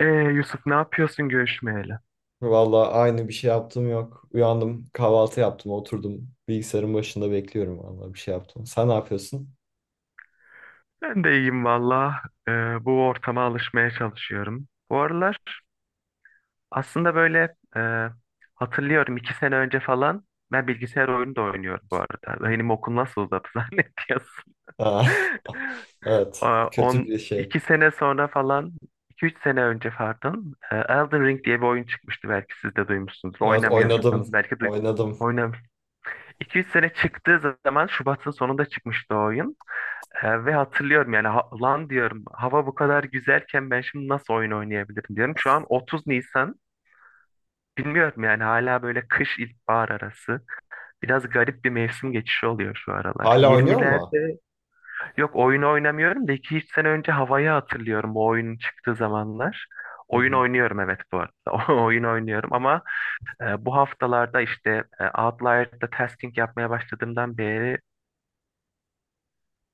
Yusuf, ne yapıyorsun görüşmeyeli? Vallahi aynı bir şey yaptım yok. Uyandım, kahvaltı yaptım, oturdum. Bilgisayarın başında bekliyorum vallahi bir şey yaptım. Sen ne yapıyorsun? Ben de iyiyim valla. Bu ortama alışmaya çalışıyorum. Bu aralar aslında böyle hatırlıyorum iki sene önce falan ben bilgisayar oyunu da oynuyorum bu arada. Benim okul nasıl uzadı zannediyorsun? Aa. Evet, Aa, kötü bir şey. iki sene sonra falan, iki üç sene önce pardon, Elden Ring diye bir oyun çıkmıştı, belki siz de duymuşsunuzdur. Evet, Oynamıyorsanız oynadım, belki duy oynadım. oynam. 2-3 sene, çıktığı zaman Şubat'ın sonunda çıkmıştı o oyun. Ve hatırlıyorum, yani lan diyorum, hava bu kadar güzelken ben şimdi nasıl oyun oynayabilirim diyorum. Şu an 30 Nisan, bilmiyorum yani, hala böyle kış ilkbahar arası. Biraz garip bir mevsim geçişi oluyor şu aralar. Hala oynuyor mu? 20'lerde, yok oyun oynamıyorum da, 2-3 sene önce havayı hatırlıyorum, bu oyunun çıktığı zamanlar. Hı Oyun hı. oynuyorum, evet, bu arada. Oyun oynuyorum ama bu haftalarda işte, Outlier'da tasking yapmaya başladığımdan beri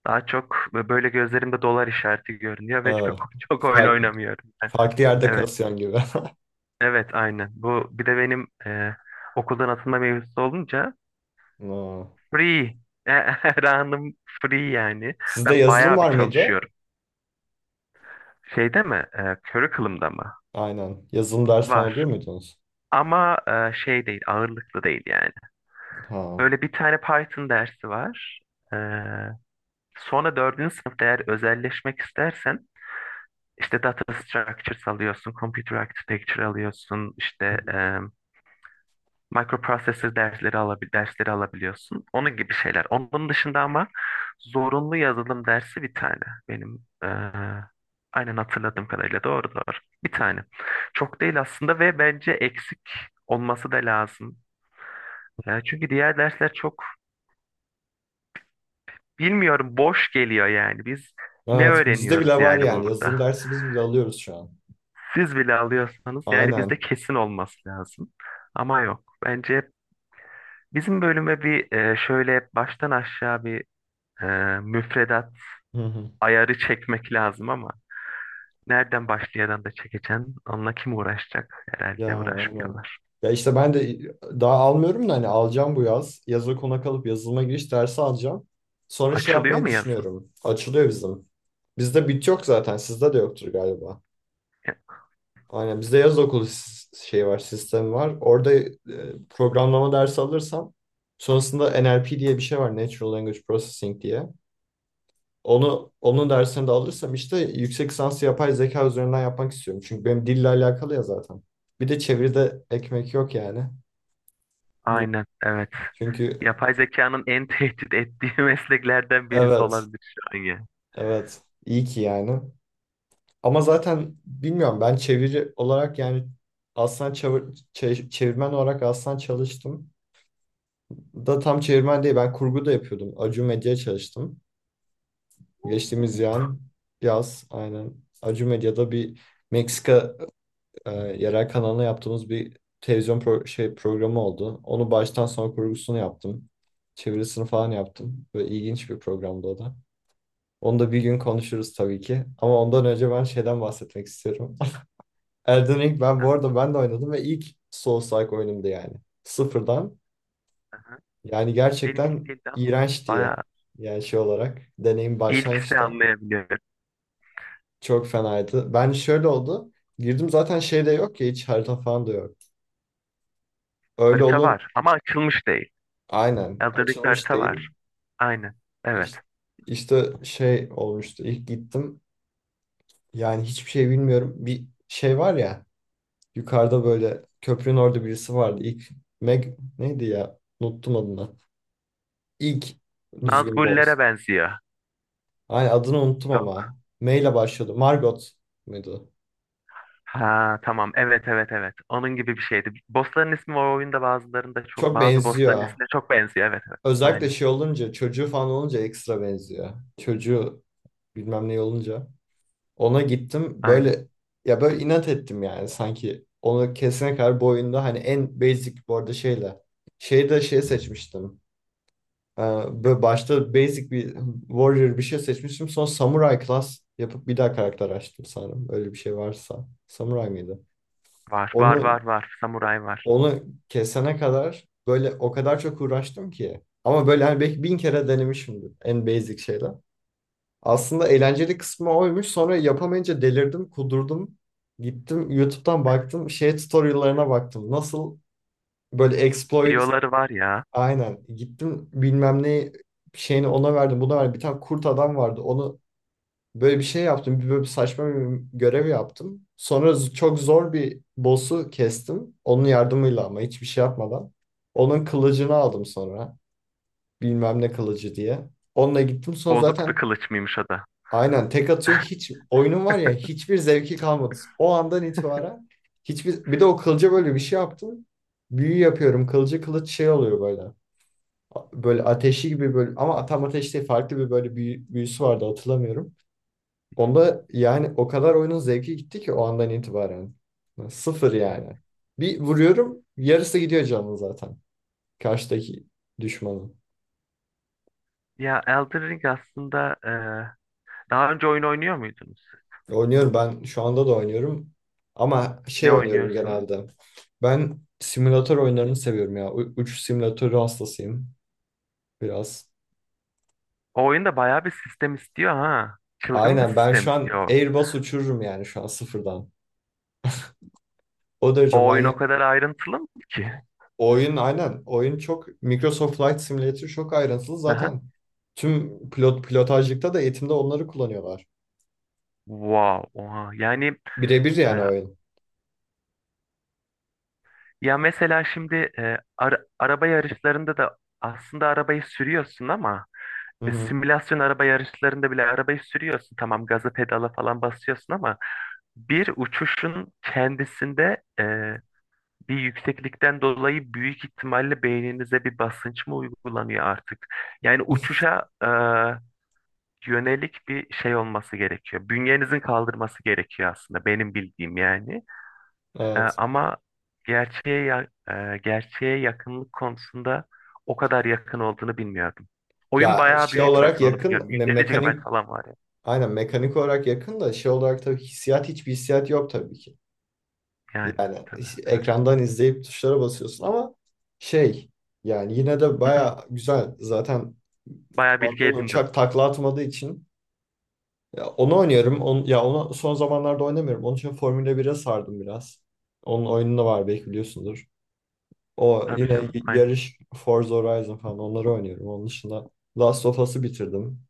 daha çok böyle gözlerimde dolar işareti görünüyor ve Aa, çok çok oyun fark- oynamıyorum ben. farklı yerde Evet, kasıyorsun gibi. evet, aynen. Bu bir de benim, okuldan atılma mevzusu olunca Aa. free. Her anım free yani. Sizde Ben yazılım bayağı bir var mıydı? çalışıyorum. Şeyde mi? Curriculum'da mı? Aynen. Yazılım dersi falan Var. alıyor muydunuz? Ama şey değil, ağırlıklı değil yani. Ha. Böyle bir tane Python dersi var. E, Sonra dördüncü sınıfta eğer özelleşmek istersen İşte data structures alıyorsun, computer architecture alıyorsun, işte, microprocessor dersleri alabiliyorsun. Onun gibi şeyler. Onun dışında ama zorunlu yazılım dersi bir tane. Benim, e, aynen hatırladığım kadarıyla doğru. Bir tane. Çok değil aslında ve bence eksik olması da lazım. Çünkü diğer dersler çok, bilmiyorum, boş geliyor yani. Biz ne Evet, bizde bile öğreniyoruz var yani yani. Yazılım burada? dersi biz bile alıyoruz şu an. Siz bile alıyorsanız yani bizde Aynen. kesin olması lazım. Ama yok. Bence bizim bölüme bir, şöyle baştan aşağı bir, e, müfredat ayarı çekmek lazım ama nereden başlayadan da çekeceksin? Onunla kim uğraşacak? Ya Herhalde aynen. uğraşmıyorlar. Ya işte ben de daha almıyorum da hani alacağım bu yaz. Yaza kona kalıp yazılıma giriş dersi alacağım. Sonra şey Açılıyor yapmayı mu yazın? düşünüyorum. Açılıyor bizim. Bizde bit yok zaten. Sizde de yoktur galiba. Ya, Aynen bizde yaz okulu şey var, sistemi var. Orada programlama dersi alırsam sonrasında NLP diye bir şey var. Natural Language Processing diye. Onu onun dersini de alırsam işte yüksek lisansı yapay zeka üzerinden yapmak istiyorum. Çünkü benim dille alakalı ya zaten. Bir de çeviride ekmek yok yani. aynen, evet. Çünkü Yapay zekanın en tehdit ettiği mesleklerden birisi evet, olabilir şu an ya. evet. iyi ki yani. Ama zaten bilmiyorum ben çeviri olarak yani çevirmen olarak aslan çalıştım. Da tam çevirmen değil ben kurgu da yapıyordum. Acu Medya'ya çalıştım. Geçtiğimiz Oo. Yaz aynen Acu Medya'da bir Meksika yerel kanalına yaptığımız bir televizyon şey programı oldu. Onu baştan sona kurgusunu yaptım. Çevirisini falan yaptım. Böyle ilginç bir programdı o da. Onu da bir gün konuşuruz tabii ki. Ama ondan önce ben şeyden bahsetmek istiyorum. Elden Ring ben bu Heh, arada ben de oynadım ve ilk Souls-like oyunumdu yani. Sıfırdan. aha. Yani Benim ilk gerçekten değildi ama iğrenç diye. bayağı, Yani şey olarak. Deneyim ilk ise başlangıçta anlayabiliyorum. çok fenaydı. Ben şöyle oldu. Girdim zaten şey de yok ya hiç harita falan da yok. Öyle Harita olun var ama açılmış değil. aynen Elden Ring'de açılmış harita değil. var. Aynen. Evet. İş- İşte, şey olmuştu. İlk gittim. Yani hiçbir şey bilmiyorum. Bir şey var ya. Yukarıda böyle köprünün orada birisi vardı. İlk Meg neydi ya? Unuttum adını. İlk düzgün boz. Nazgullere benziyor. Aynen adını unuttum Yok. ama. M ile başlıyordu. Margot muydu? Ha, tamam. Evet, evet, evet. Onun gibi bir şeydi. Bossların ismi o oyunda bazılarında çok, Çok bazı benziyor. bossların Ha. ismine çok benziyor. Evet, evet. Özellikle Aynen. şey olunca çocuğu falan olunca ekstra benziyor. Çocuğu bilmem ne olunca. Ona gittim Aynen. böyle ya böyle inat ettim yani sanki. Onu kesene kadar bu oyunda hani en basic bu arada şeyle. Şeyde şey seçmiştim. Ee, Böyle başta basic bir warrior bir şey seçmiştim. Sonra samurai class yapıp bir daha karakter açtım sanırım. Öyle bir şey varsa. Samurai mıydı? Var, var, Onu var, var. Samuray var. onu kesene kadar böyle o kadar çok uğraştım ki. Ama böyle hani belki 1.000 kere denemişimdir en basic şeyler. Aslında eğlenceli kısmı oymuş. Sonra yapamayınca delirdim, kudurdum. Gittim YouTube'dan baktım. Şey tutorial'larına baktım. Nasıl böyle exploit. Fiyoları var ya. Aynen. Gittim bilmem ne şeyini ona verdim buna verdim. Bir tane kurt adam vardı. Onu böyle bir şey yaptım. Bir böyle bir saçma bir görev yaptım. Sonra çok zor bir boss'u kestim. Onun yardımıyla ama hiçbir şey yapmadan. Onun kılıcını aldım sonra. Bilmem ne kılıcı diye. Onunla gittim. Sonra Bozuk bir zaten kılıç mıymış o da? aynen tek atıyor. Hiç oyunun var ya hiçbir zevki kalmadı. O andan itibaren hiçbir bir de o kılıca böyle bir şey yaptım. Büyü yapıyorum. Kılıcı kılıç şey oluyor böyle ateşi gibi böyle ama tam ateş değil farklı bir böyle büyüsü vardı hatırlamıyorum. Hı. Onda yani o kadar oyunun zevki gitti ki o andan itibaren. Sıfır Evet. yani. Bir vuruyorum yarısı gidiyor canım zaten. Karşıdaki düşmanın. Ya Elden Ring aslında, daha önce oyun oynuyor muydunuz? Oynuyorum ben şu anda da oynuyorum. Ama şey Ne oynuyorum oynuyorsunuz? genelde. Ben simülatör oyunlarını seviyorum ya. Uçuş simülatörü hastasıyım biraz. O oyunda bayağı bir sistem istiyor ha. Çılgın bir Aynen ben sistem şu an istiyor. Airbus uçururum yani şu an sıfırdan. O derece O oyun o manyak. kadar ayrıntılı mı ki? Oyun aynen. Oyun çok Microsoft Flight Simulator çok ayrıntılı. Aha. Zaten tüm pilot pilotajlıkta da eğitimde onları kullanıyorlar. Wow. Oha. Yani, Birebir e, yani oyun. ya mesela şimdi, araba yarışlarında da aslında arabayı sürüyorsun ama, Hı hı. simülasyon araba yarışlarında bile arabayı sürüyorsun. Tamam, gazı pedala falan basıyorsun ama bir uçuşun kendisinde, bir yükseklikten dolayı büyük ihtimalle beyninize bir basınç mı uygulanıyor artık? Yani uçuşa, yönelik bir şey olması gerekiyor. Bünyenizin kaldırması gerekiyor aslında benim bildiğim yani. Evet. Ama gerçeğe gerçeğe yakınlık konusunda o kadar yakın olduğunu bilmiyordum. Oyun Ya bayağı şey büyük, olarak zaten onu yakın biliyorum. 150 GB mekanik falan var ya. aynen mekanik olarak yakın da şey olarak tabii hissiyat hiçbir hissiyat yok tabii ki. Yani, Yani tabii, evet. ekrandan izleyip tuşlara basıyorsun ama şey yani yine de baya güzel. Zaten Bayağı bilgi kullandığın edindim. uçak takla atmadığı için. Ya onu oynuyorum. Ya onu son zamanlarda oynamıyorum. Onun için Formula 1'e sardım biraz. Onun oyunu da var belki biliyorsundur. O Tabii yine canım, aynen. yarış Forza Horizon falan onları oynuyorum. Onun dışında Last of Us'ı bitirdim.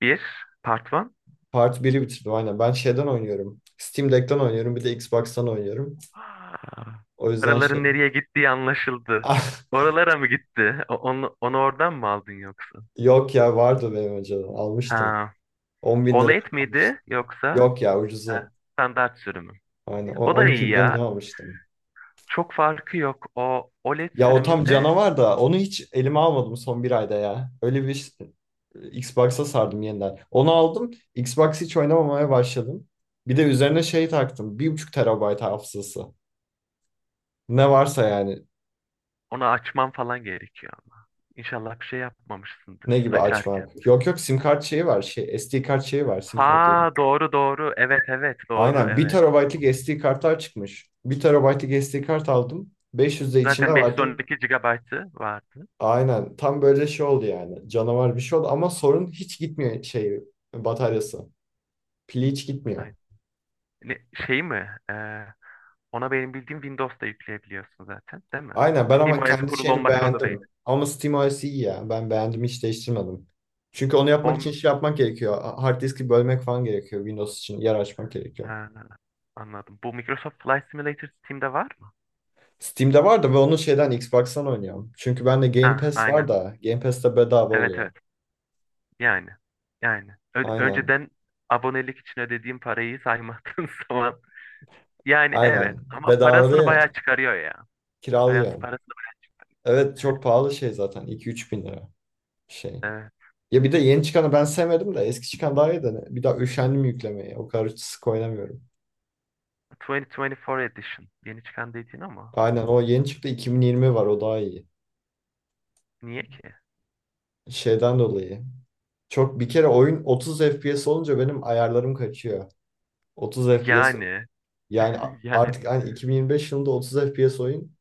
Bir, part one. Part biri bitirdim aynen. Ben şeyden oynuyorum. Steam Deck'ten oynuyorum. Bir de Xbox'tan oynuyorum. Aa, O bu yüzden şey... paraların nereye gittiği anlaşıldı. Ah, Oralara mı gitti? Onu oradan mı aldın yoksa? yok ya vardı benim önceden. Almıştım. Ha. 10.000 lira OLED almıştım. miydi yoksa? Yok ya Heh, ucuzu. standart sürümü? Aynen. O on da iki iyi bine mi ne ya. almıştım? Çok farkı yok. O OLED Ya o tam sürümünde canavar da onu hiç elime almadım son bir ayda ya. Öyle Xbox'a sardım yeniden. Onu aldım. Xbox hiç oynamamaya başladım. Bir de üzerine şey taktım. 1,5 terabayt hafızası. Ne varsa yani. onu açmam falan gerekiyor ama. İnşallah bir şey Ne yapmamışsındır gibi açarken. açmak. Yok yok sim kart şeyi var. Şey, SD kart şeyi var. Sim kart diyorum. Ha, doğru, doğru. Evet, evet, doğru, Aynen bir evet. Tamam. terabaytlık SD kartlar çıkmış. Bir terabaytlık SD kart aldım. 500 de içinde Zaten vardı. 512 GB'ı vardı. Aynen tam böyle şey oldu yani. Canavar bir şey oldu ama sorun hiç gitmiyor şey bataryası. Pili hiç gitmiyor. Aynen. Ne, şey mi? Ona benim bildiğim Windows'da yükleyebiliyorsun zaten, değil mi? Aynen ben ama SteamOS kendi kurulu şeyini olmak zorunda değil. beğendim. Ama SteamOS iyi ya. Ben beğendim hiç değiştirmedim. Çünkü onu yapmak O. için şey yapmak gerekiyor. Hard diski bölmek falan gerekiyor. Windows için yer açmak gerekiyor. Ha, anladım. Bu Microsoft Flight Simulator Steam'de var mı? Steam'de var da ve onu şeyden Xbox'tan oynuyorum. Çünkü bende Game Ha, Pass var aynen. da Game Pass'te bedava Evet, oluyor. evet. Yani. Yani. Aynen. Önceden abonelik için ödediğim parayı saymadığın zaman. Yani, evet. Aynen. Ama Bedava parasını değil yani. bayağı çıkarıyor ya. Parası Kiralıyorum. parasını. Evet Evet. çok pahalı şey zaten. 2 üç bin lira şey. Evet. Ya bir de yeni çıkanı ben sevmedim de eski çıkan daha iyi de bir daha üşendim yüklemeye. O kadar sık oynamıyorum. 2024 edition. Yeni çıkan dediğin ama. Aynen o yeni çıktı 2020 var o daha iyi. Niye ki? Şeyden dolayı. Çok bir kere oyun 30 FPS olunca benim ayarlarım kaçıyor. 30 FPS Yani. yani artık Yani. hani 2025 yılında 30 FPS oyun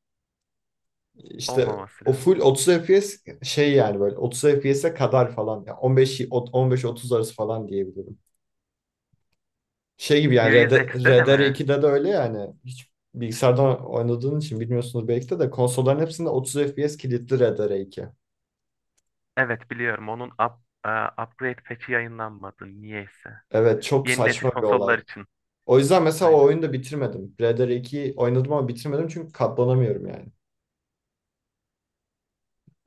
işte Olmaması o lazım. full 30 FPS şey yani böyle 30 FPS'e kadar falan yani 15 15-30 arası falan diyebilirim. Şey gibi yani Series X'te de Red Dead mi? 2'de de öyle yani hiç bilgisayardan oynadığın için bilmiyorsunuz belki de konsolların hepsinde 30 FPS kilitli Red Dead 2. Evet, biliyorum. Onun e, upgrade patch'i yayınlanmadı. Niyeyse. Evet çok Yeni nesil saçma bir konsollar olay. için. O yüzden mesela o Aynen. oyunu da bitirmedim. Red Dead 2'yi oynadım ama bitirmedim çünkü katlanamıyorum yani.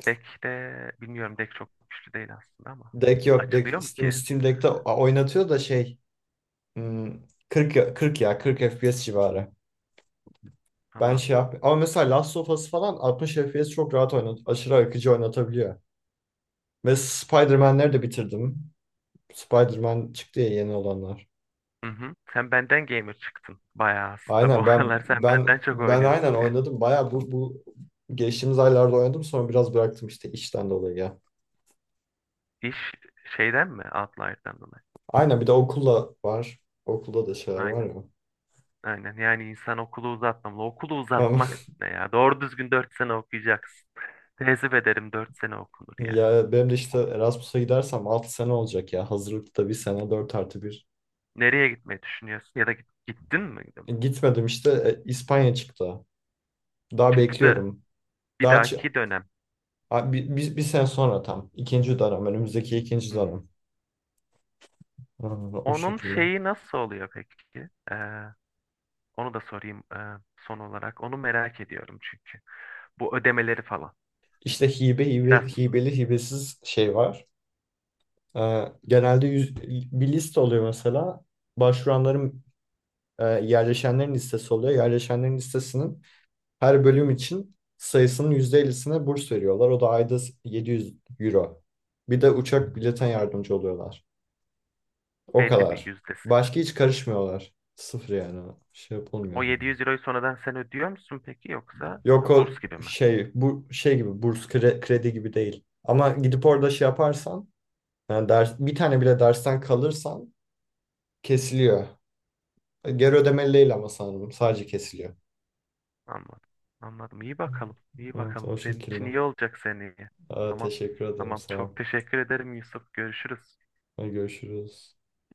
Deck de bilmiyorum. Deck çok güçlü değil aslında ama. Deck yok. Açılıyor Deck, mu Steam, ki? Steam Deck'te oynatıyor da şey hmm, 40, 40 ya 40 FPS civarı. Ben Anladım. şey yap ama mesela Last of Us falan 60 FPS çok rahat aşırı akıcı oynatabiliyor. Ve Spider-Man'leri de bitirdim. Spider-Man çıktı ya yeni olanlar. Hı hı. Sen benden gamer çıktın bayağı aslında. Bu Aynen ben aralar sen ben benden çok ben aynen oynuyorsun ya. oynadım. Bayağı bu geçtiğimiz aylarda oynadım sonra biraz bıraktım işte işten dolayı ya. İş şeyden mi? Outlier'dan dolayı. Aynen bir de okulla var. Okulda da şeyler var Aynen. ya. Aynen. Yani insan okulu uzatmamalı. Okulu Ama uzatmak ne ya? Doğru düzgün 4 sene okuyacaksın. Tezif ederim, 4 sene okunur yani. ya benim de işte Oku- Erasmus'a gidersem 6 sene olacak ya. Hazırlıkta bir sene 4 artı bir. Nereye gitmeyi düşünüyorsun? Ya da gittin mi? Gitmedim işte İspanya çıktı. Daha Çıktı. bekliyorum. Bir Daha dahaki dönem. Bir sene sonra tam. İkinci dönem. Önümüzdeki ikinci Hmm. dönem. Aa, o Onun şekilde. şeyi nasıl oluyor peki? Onu da sorayım, son olarak. Onu merak ediyorum çünkü. Bu ödemeleri falan. İşte hibe Erasmus'un. hibeli hibesiz şey var. Genelde bir liste oluyor mesela. Başvuranların yerleşenlerin listesi oluyor. Yerleşenlerin listesinin her bölüm için sayısının %50'sine burs veriyorlar. O da ayda 700 euro. Bir de uçak Hı biletten hı. yardımcı oluyorlar. O Belli bir kadar. yüzdesine var. Başka hiç karışmıyorlar. Sıfır yani. Şey yapılmıyor. O 700 euroyu sonradan sen ödüyor musun peki yoksa Yok burs o gibi mi? şey bu şey gibi burs kredi gibi değil. Ama gidip orada şey yaparsan yani bir tane bile dersten kalırsan kesiliyor. Geri ödemeli değil ama sanırım. Sadece kesiliyor. Anladım. Anladım. İyi bakalım. İyi Evet bakalım. o Senin için şekilde. iyi olacak seneye. Aa, Tamam. teşekkür ederim. Tamam. Sağ ol. Çok teşekkür ederim Yusuf. Görüşürüz. Hadi görüşürüz.